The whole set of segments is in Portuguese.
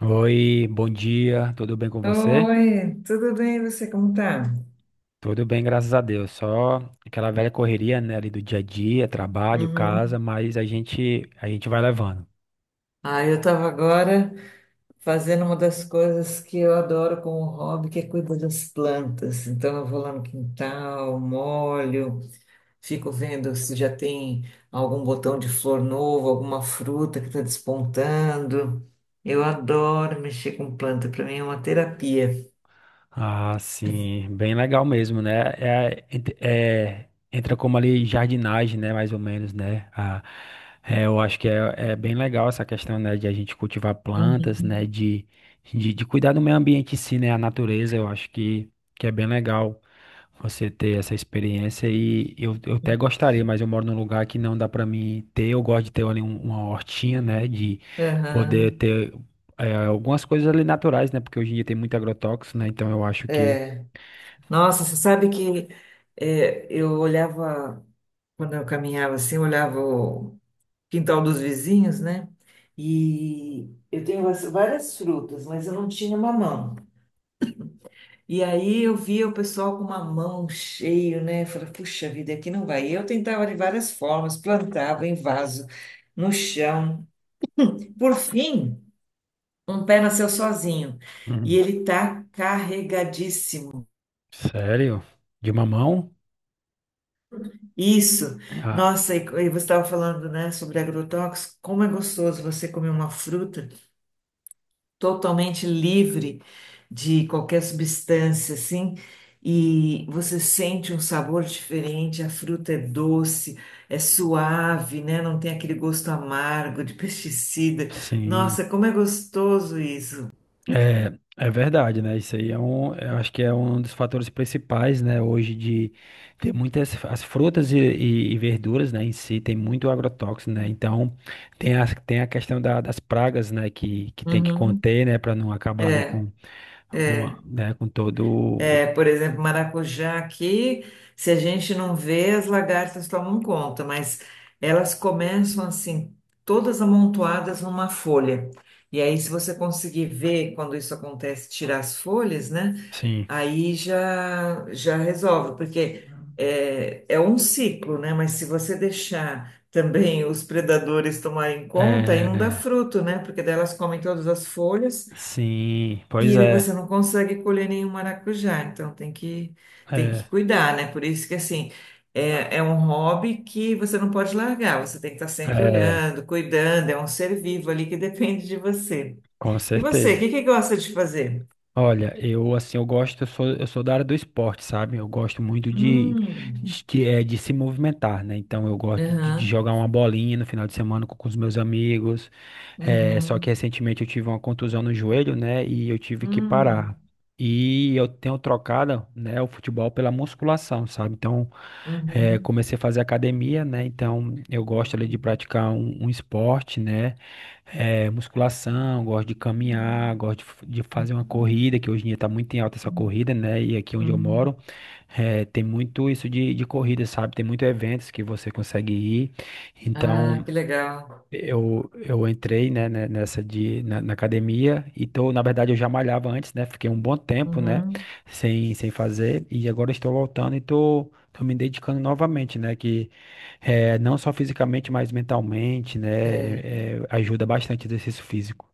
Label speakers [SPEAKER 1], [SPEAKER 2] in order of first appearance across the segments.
[SPEAKER 1] Oi, bom dia, tudo bem com você?
[SPEAKER 2] Oi, tudo bem? E você, como tá?
[SPEAKER 1] Tudo bem, graças a Deus. Só aquela velha correria, né, ali do dia a dia, trabalho, casa,
[SPEAKER 2] Uhum.
[SPEAKER 1] mas a gente vai levando.
[SPEAKER 2] Ah, eu estava agora fazendo uma das coisas que eu adoro como hobby, que é cuidar das plantas. Então, eu vou lá no quintal, molho, fico vendo se já tem algum botão de flor novo, alguma fruta que está despontando. Eu adoro mexer com planta, para mim é uma terapia.
[SPEAKER 1] Ah, sim, bem legal mesmo, né? É, entra como ali jardinagem, né? Mais ou menos, né? Ah, é, eu acho que é bem legal essa questão, né? De a gente cultivar plantas, né?
[SPEAKER 2] Uhum.
[SPEAKER 1] De, cuidar do meio ambiente em si, né? A natureza, eu acho que é bem legal você ter essa experiência, e eu até gostaria, mas eu moro num lugar que não dá para mim ter. Eu gosto de ter ali uma hortinha, né? De poder
[SPEAKER 2] Aham.
[SPEAKER 1] ter algumas coisas ali naturais, né? Porque hoje em dia tem muito agrotóxico, né? Então eu acho que.
[SPEAKER 2] Nossa, você sabe que eu olhava. Quando eu caminhava assim, eu olhava o quintal dos vizinhos, né? E eu tenho várias frutas, mas eu não tinha mamão. E aí eu via o pessoal com mamão cheio, né? Eu falei, puxa vida, aqui não vai. E eu tentava de várias formas, plantava em vaso, no chão. Por fim, um pé nasceu sozinho. E
[SPEAKER 1] Hum,
[SPEAKER 2] ele tá carregadíssimo.
[SPEAKER 1] sério? De mamão?
[SPEAKER 2] Isso.
[SPEAKER 1] Ah,
[SPEAKER 2] Nossa, e você estava falando, né, sobre agrotóxicos. Como é gostoso você comer uma fruta totalmente livre de qualquer substância, assim, e você sente um sabor diferente, a fruta é doce, é suave, né? Não tem aquele gosto amargo de pesticida.
[SPEAKER 1] sim.
[SPEAKER 2] Nossa, como é gostoso isso.
[SPEAKER 1] É, é verdade, né? Isso aí eu acho que é um dos fatores principais, né? Hoje de ter muitas as frutas e verduras, né? Em si tem muito agrotóxico, né? Então tem a, questão das pragas, né? Que tem que
[SPEAKER 2] Uhum.
[SPEAKER 1] conter, né? Para não acabar ali
[SPEAKER 2] É.
[SPEAKER 1] com, né? Com todo,
[SPEAKER 2] É, por exemplo, maracujá aqui, se a gente não vê, as lagartas tomam conta, mas elas começam assim, todas amontoadas numa folha. E aí, se você conseguir ver quando isso acontece, tirar as folhas, né?
[SPEAKER 1] sim.
[SPEAKER 2] Aí já resolve, porque é um ciclo, né? Mas se você deixar também os predadores tomarem conta, aí não dá
[SPEAKER 1] É,
[SPEAKER 2] fruto, né? Porque daí elas comem todas as folhas.
[SPEAKER 1] sim, pois
[SPEAKER 2] E você não consegue colher nenhum maracujá, então tem
[SPEAKER 1] é,
[SPEAKER 2] que cuidar, né? Por isso que, assim, é um hobby que você não pode largar, você tem que estar sempre
[SPEAKER 1] é,
[SPEAKER 2] olhando, cuidando, é um ser vivo ali que depende de você.
[SPEAKER 1] com
[SPEAKER 2] E você, o
[SPEAKER 1] certeza.
[SPEAKER 2] que que gosta de fazer?
[SPEAKER 1] Olha, eu assim, eu gosto, eu sou da área do esporte, sabe? Eu gosto muito de,
[SPEAKER 2] Hum,
[SPEAKER 1] de, que é, de se movimentar, né? Então eu gosto de
[SPEAKER 2] aham,
[SPEAKER 1] jogar uma bolinha no final de semana com os meus amigos. É, só que
[SPEAKER 2] uhum,
[SPEAKER 1] recentemente eu tive uma contusão no joelho, né? E eu tive que
[SPEAKER 2] hum,
[SPEAKER 1] parar. E eu tenho trocado, né, o futebol pela musculação, sabe? Então,
[SPEAKER 2] uhum,
[SPEAKER 1] comecei a fazer academia, né? Então, eu gosto ali de praticar um esporte, né? É, musculação, gosto de caminhar, gosto de fazer uma corrida, que hoje em dia tá muito em alta essa corrida, né? E aqui onde eu
[SPEAKER 2] uhum.
[SPEAKER 1] moro, tem muito isso de corrida, sabe? Tem muitos eventos que você consegue ir.
[SPEAKER 2] Ah,
[SPEAKER 1] Então,
[SPEAKER 2] que legal.
[SPEAKER 1] eu entrei, né, na academia, então, na verdade, eu já malhava antes, né, fiquei um bom tempo, né,
[SPEAKER 2] Uhum,
[SPEAKER 1] sem fazer, e agora estou voltando e tô me dedicando novamente, né, que é, não só fisicamente, mas mentalmente, né,
[SPEAKER 2] é.
[SPEAKER 1] ajuda bastante o exercício físico.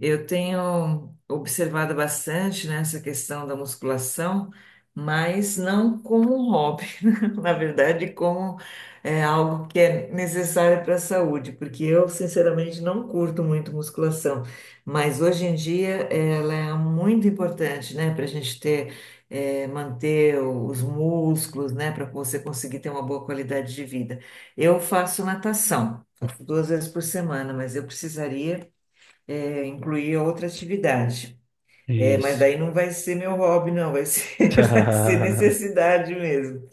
[SPEAKER 2] Eu tenho observado bastante, né, essa questão da musculação, mas não como um hobby, na verdade, como é, algo que é necessário para a saúde, porque eu, sinceramente, não curto muito musculação, mas hoje em dia ela é muito importante, né, para a gente ter, é, manter os músculos, né, para você conseguir ter uma boa qualidade de vida. Eu faço natação, faço duas vezes por semana, mas eu precisaria incluir outra atividade. É, mas
[SPEAKER 1] Isso.
[SPEAKER 2] daí não vai ser meu hobby, não, vai ser, vai ser necessidade mesmo.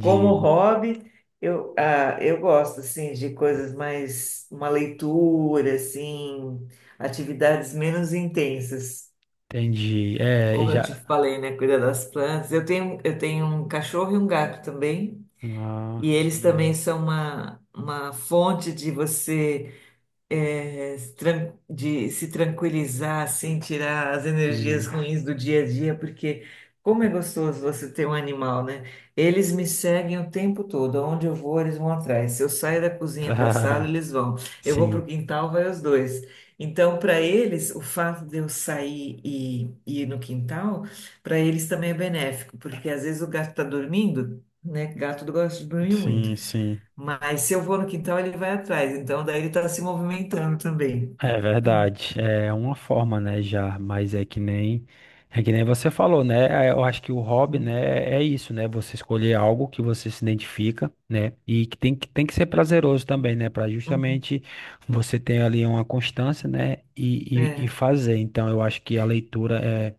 [SPEAKER 2] Como hobby, eu, ah, eu gosto, assim, de coisas mais, uma leitura, assim, atividades menos intensas.
[SPEAKER 1] entendi. É, e
[SPEAKER 2] Como eu te
[SPEAKER 1] já...
[SPEAKER 2] falei, né, cuidar das plantas. Eu tenho um cachorro e um gato também,
[SPEAKER 1] Ah,
[SPEAKER 2] e eles também
[SPEAKER 1] legal.
[SPEAKER 2] são uma fonte de você é, se tran- de se tranquilizar, assim, tirar as energias
[SPEAKER 1] Sim.
[SPEAKER 2] ruins do dia a dia, porque como é gostoso você ter um animal, né? Eles me seguem o tempo todo, aonde eu vou, eles vão atrás. Se eu saio da cozinha para a sala, eles vão. Eu vou para o
[SPEAKER 1] Sim,
[SPEAKER 2] quintal, vai os dois. Então, para eles, o fato de eu sair e ir no quintal, para eles também é benéfico, porque às vezes o gato está dormindo, né? Gato gosta de dormir muito.
[SPEAKER 1] sim, sim.
[SPEAKER 2] Mas se eu vou no quintal, ele vai atrás. Então, daí ele está se movimentando também.
[SPEAKER 1] É verdade, é uma forma, né, já, mas é que nem você falou, né? Eu acho que o hobby, né, é isso, né? Você escolher algo que você se identifica, né? E que tem que ser prazeroso também, né, para
[SPEAKER 2] Uhum.
[SPEAKER 1] justamente você ter ali uma constância, né, e
[SPEAKER 2] É.
[SPEAKER 1] fazer. Então, eu acho que a leitura é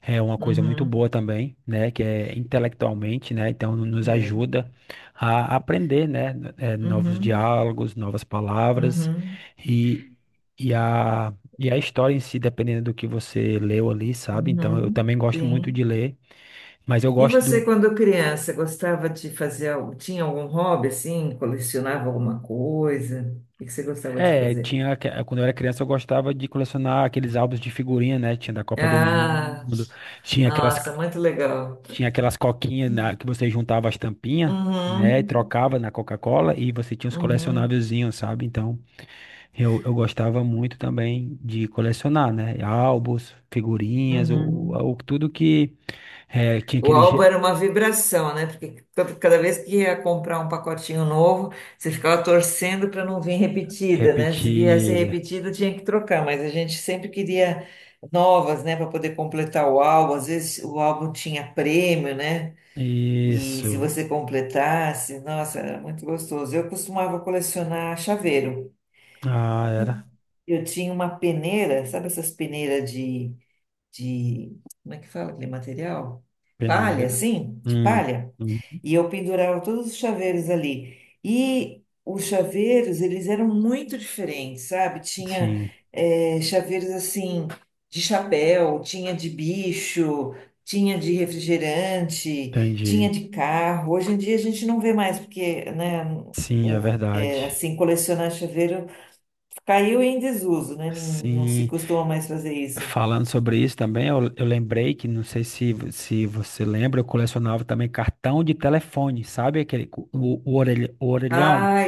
[SPEAKER 1] é uma coisa muito
[SPEAKER 2] Uhum.
[SPEAKER 1] boa também, né, que é intelectualmente, né? Então, nos
[SPEAKER 2] É.
[SPEAKER 1] ajuda a aprender, né, novos
[SPEAKER 2] Uhum.
[SPEAKER 1] diálogos, novas palavras.
[SPEAKER 2] Uhum.
[SPEAKER 1] E, e a história em si, dependendo do que você leu ali, sabe? Então, eu
[SPEAKER 2] Uhum.
[SPEAKER 1] também gosto muito
[SPEAKER 2] Sim.
[SPEAKER 1] de ler, mas eu
[SPEAKER 2] E
[SPEAKER 1] gosto
[SPEAKER 2] você,
[SPEAKER 1] do.
[SPEAKER 2] quando criança, gostava de fazer algo? Tinha algum hobby assim? Colecionava alguma coisa? O que você gostava de
[SPEAKER 1] É,
[SPEAKER 2] fazer?
[SPEAKER 1] tinha. Quando eu era criança, eu gostava de colecionar aqueles álbuns de figurinha, né? Tinha da Copa do
[SPEAKER 2] Ah,
[SPEAKER 1] Mundo, tinha aquelas,
[SPEAKER 2] nossa, muito legal.
[SPEAKER 1] tinha aquelas coquinhas que você juntava as tampinhas, né? E
[SPEAKER 2] Uhum.
[SPEAKER 1] trocava na Coca-Cola e você tinha os
[SPEAKER 2] Uhum.
[SPEAKER 1] colecionávelzinhos, sabe? Então, eu gostava muito também de colecionar, né? Álbuns, figurinhas,
[SPEAKER 2] Uhum.
[SPEAKER 1] tudo que. É, tinha
[SPEAKER 2] O
[SPEAKER 1] aquele
[SPEAKER 2] álbum era uma vibração, né? Porque cada vez que ia comprar um pacotinho novo, você ficava torcendo para não vir repetida, né? Se viesse
[SPEAKER 1] Repetida.
[SPEAKER 2] repetida, tinha que trocar, mas a gente sempre queria novas, né, para poder completar o álbum. Às vezes o álbum tinha prêmio, né? E se
[SPEAKER 1] Isso.
[SPEAKER 2] você completasse, nossa, era muito gostoso. Eu costumava colecionar chaveiro.
[SPEAKER 1] Ah, era.
[SPEAKER 2] Eu tinha uma peneira, sabe essas peneiras de, como é que fala aquele material? Palha,
[SPEAKER 1] Peneira.
[SPEAKER 2] assim, de
[SPEAKER 1] Hum,
[SPEAKER 2] palha.
[SPEAKER 1] hum,
[SPEAKER 2] E eu pendurava todos os chaveiros ali. E os chaveiros, eles eram muito diferentes, sabe? Tinha
[SPEAKER 1] sim,
[SPEAKER 2] chaveiros assim, de chapéu, tinha de bicho, tinha de refrigerante, tinha
[SPEAKER 1] entendi.
[SPEAKER 2] de carro. Hoje em dia a gente não vê mais, porque, né,
[SPEAKER 1] Sim, é verdade.
[SPEAKER 2] assim, colecionar chaveiro caiu em desuso, né? Não, não se
[SPEAKER 1] Sim,
[SPEAKER 2] costuma mais fazer isso.
[SPEAKER 1] falando sobre isso também, eu lembrei que, não sei se, se você lembra, eu colecionava também cartão de telefone, sabe? Aquele, o orelhão.
[SPEAKER 2] Ah,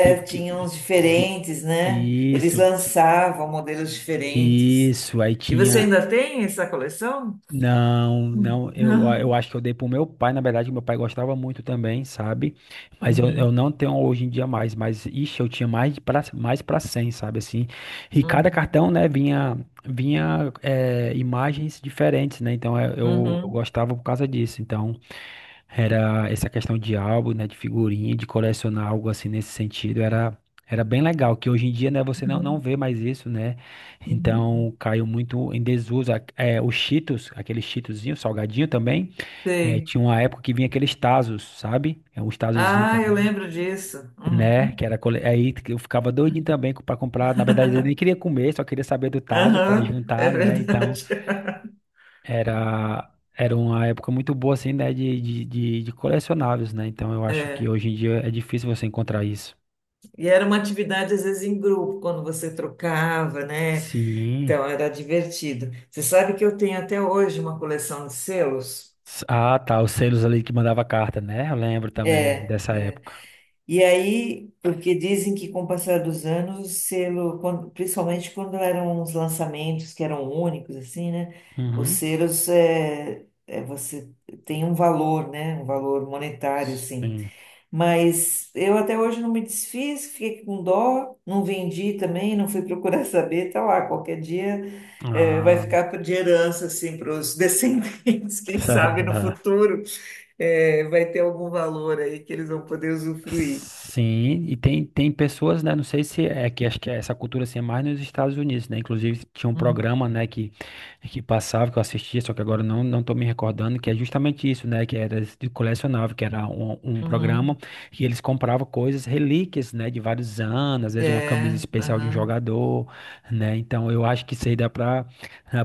[SPEAKER 1] Que, que,
[SPEAKER 2] tinha uns
[SPEAKER 1] que-
[SPEAKER 2] diferentes, né? Eles
[SPEAKER 1] isso, que-
[SPEAKER 2] lançavam modelos diferentes.
[SPEAKER 1] isso. Aí
[SPEAKER 2] E você
[SPEAKER 1] tinha.
[SPEAKER 2] ainda tem essa coleção?
[SPEAKER 1] Não,
[SPEAKER 2] Hum.
[SPEAKER 1] não, eu,
[SPEAKER 2] Não.
[SPEAKER 1] eu acho que eu dei pro meu pai, na verdade, meu pai gostava muito também, sabe? Mas eu
[SPEAKER 2] Uhum,
[SPEAKER 1] não tenho hoje em dia mais, mas ixi, eu tinha mais pra 100, sabe assim? E cada
[SPEAKER 2] uhum,
[SPEAKER 1] cartão, né, vinha imagens diferentes, né? Então eu
[SPEAKER 2] uhum,
[SPEAKER 1] gostava por causa disso. Então era essa questão de álbum, né, de figurinha, de colecionar algo assim nesse sentido, era bem legal, que hoje em dia, né, você não
[SPEAKER 2] uhum,
[SPEAKER 1] vê mais isso, né?
[SPEAKER 2] uhum.
[SPEAKER 1] Então caiu muito em desuso. É, os Cheetos, aquele Cheetozinho salgadinho também.
[SPEAKER 2] Sei.
[SPEAKER 1] Tinha uma época que vinha aqueles Tazos, sabe? É um Tazozinho
[SPEAKER 2] Ah, eu
[SPEAKER 1] também.
[SPEAKER 2] lembro disso.
[SPEAKER 1] Né?
[SPEAKER 2] Uhum.
[SPEAKER 1] Aí que eu ficava doidinho também para comprar. Na verdade, eu nem queria comer, só queria saber do taso para
[SPEAKER 2] Aham, é
[SPEAKER 1] juntar, né? Então
[SPEAKER 2] verdade.
[SPEAKER 1] era era uma época muito boa assim, né? De colecionáveis, né? Então eu acho que hoje em dia é difícil você encontrar isso.
[SPEAKER 2] E era uma atividade, às vezes, em grupo, quando você trocava, né?
[SPEAKER 1] Sim.
[SPEAKER 2] Então, era divertido. Você sabe que eu tenho até hoje uma coleção de selos?
[SPEAKER 1] Ah, tá. Os selos ali que mandava carta, né? Eu lembro também
[SPEAKER 2] É.
[SPEAKER 1] dessa época.
[SPEAKER 2] E aí, porque dizem que com o passar dos anos, o selo, quando- principalmente quando eram uns lançamentos que eram únicos, assim, né? Os
[SPEAKER 1] Uhum.
[SPEAKER 2] selos, você tem um valor, né? Um valor monetário, assim.
[SPEAKER 1] Sim.
[SPEAKER 2] Mas eu até hoje não me desfiz, fiquei com dó, não vendi também, não fui procurar saber, tá lá, qualquer dia, é, vai
[SPEAKER 1] Ah.
[SPEAKER 2] ficar de herança, assim, para os descendentes, quem sabe no futuro, é, vai ter algum valor aí que eles vão poder usufruir.
[SPEAKER 1] Sim, e tem, pessoas, né? Não sei se é que acho que é essa cultura assim é mais nos Estados Unidos, né? Inclusive tinha um
[SPEAKER 2] Hum.
[SPEAKER 1] programa, né, que passava, que eu assistia, só que agora não tô me recordando, que é justamente isso, né? Que era de colecionável, que era um programa
[SPEAKER 2] Uhum.
[SPEAKER 1] que eles compravam coisas, relíquias, né? De vários anos, às vezes uma camisa
[SPEAKER 2] É,
[SPEAKER 1] especial de um
[SPEAKER 2] aham,
[SPEAKER 1] jogador, né? Então eu acho que isso aí dá pra,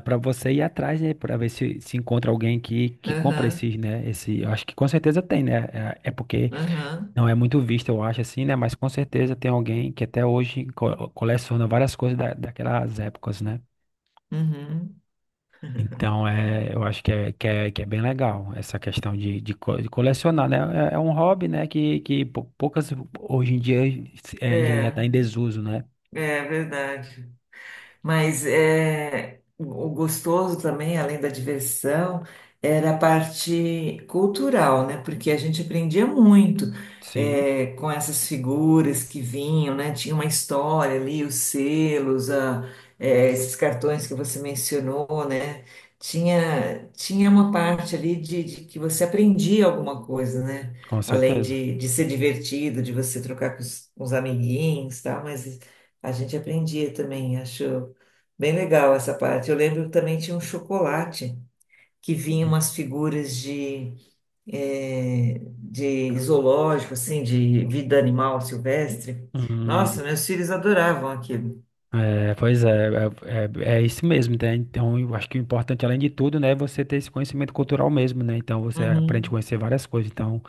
[SPEAKER 1] pra você ir atrás, né? Pra ver se encontra alguém que compra
[SPEAKER 2] aham,
[SPEAKER 1] esses, né? Esse, eu acho que com certeza tem, né? É, é porque.
[SPEAKER 2] aham,
[SPEAKER 1] Não é muito visto, eu acho, assim, né? Mas com certeza tem alguém que até hoje coleciona várias coisas daquelas épocas, né?
[SPEAKER 2] uhum.
[SPEAKER 1] Então, eu acho que é bem legal essa questão de colecionar, né? É, um hobby, né? Que poucas hoje em dia já
[SPEAKER 2] É,
[SPEAKER 1] está em desuso, né?
[SPEAKER 2] é verdade. Mas é, o gostoso também, além da diversão, era a parte cultural, né? Porque a gente aprendia muito
[SPEAKER 1] Sim,
[SPEAKER 2] é, com essas figuras que vinham, né? Tinha uma história ali, os selos, esses cartões que você mencionou, né? Tinha, tinha uma parte ali de que você aprendia alguma coisa, né?
[SPEAKER 1] com
[SPEAKER 2] Além
[SPEAKER 1] certeza.
[SPEAKER 2] de ser divertido, de você trocar com os amiguinhos, e tal, mas a gente aprendia também, acho. Bem legal essa parte. Eu lembro que também tinha um chocolate que vinha umas figuras de, de zoológico, assim, de vida animal silvestre.
[SPEAKER 1] Hum,
[SPEAKER 2] Nossa, meus filhos adoravam aquilo.
[SPEAKER 1] pois é, é isso mesmo, né? Então, eu acho que o importante, além de tudo, né, é você ter esse conhecimento cultural mesmo, né? Então, você aprende a
[SPEAKER 2] Uhum.
[SPEAKER 1] conhecer várias coisas. Então,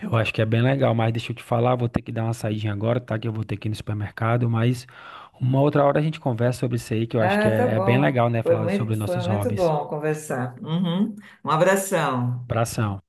[SPEAKER 1] eu acho que é bem legal, mas deixa eu te falar, vou ter que dar uma saidinha agora, tá? Que eu vou ter que ir no supermercado, mas uma outra hora a gente conversa sobre isso aí, que eu acho que
[SPEAKER 2] Ah, tá
[SPEAKER 1] é, é bem
[SPEAKER 2] bom.
[SPEAKER 1] legal, né? Falar sobre
[SPEAKER 2] Foi
[SPEAKER 1] nossos
[SPEAKER 2] muito
[SPEAKER 1] hobbies.
[SPEAKER 2] bom conversar. Uhum. Um abração.
[SPEAKER 1] Abração.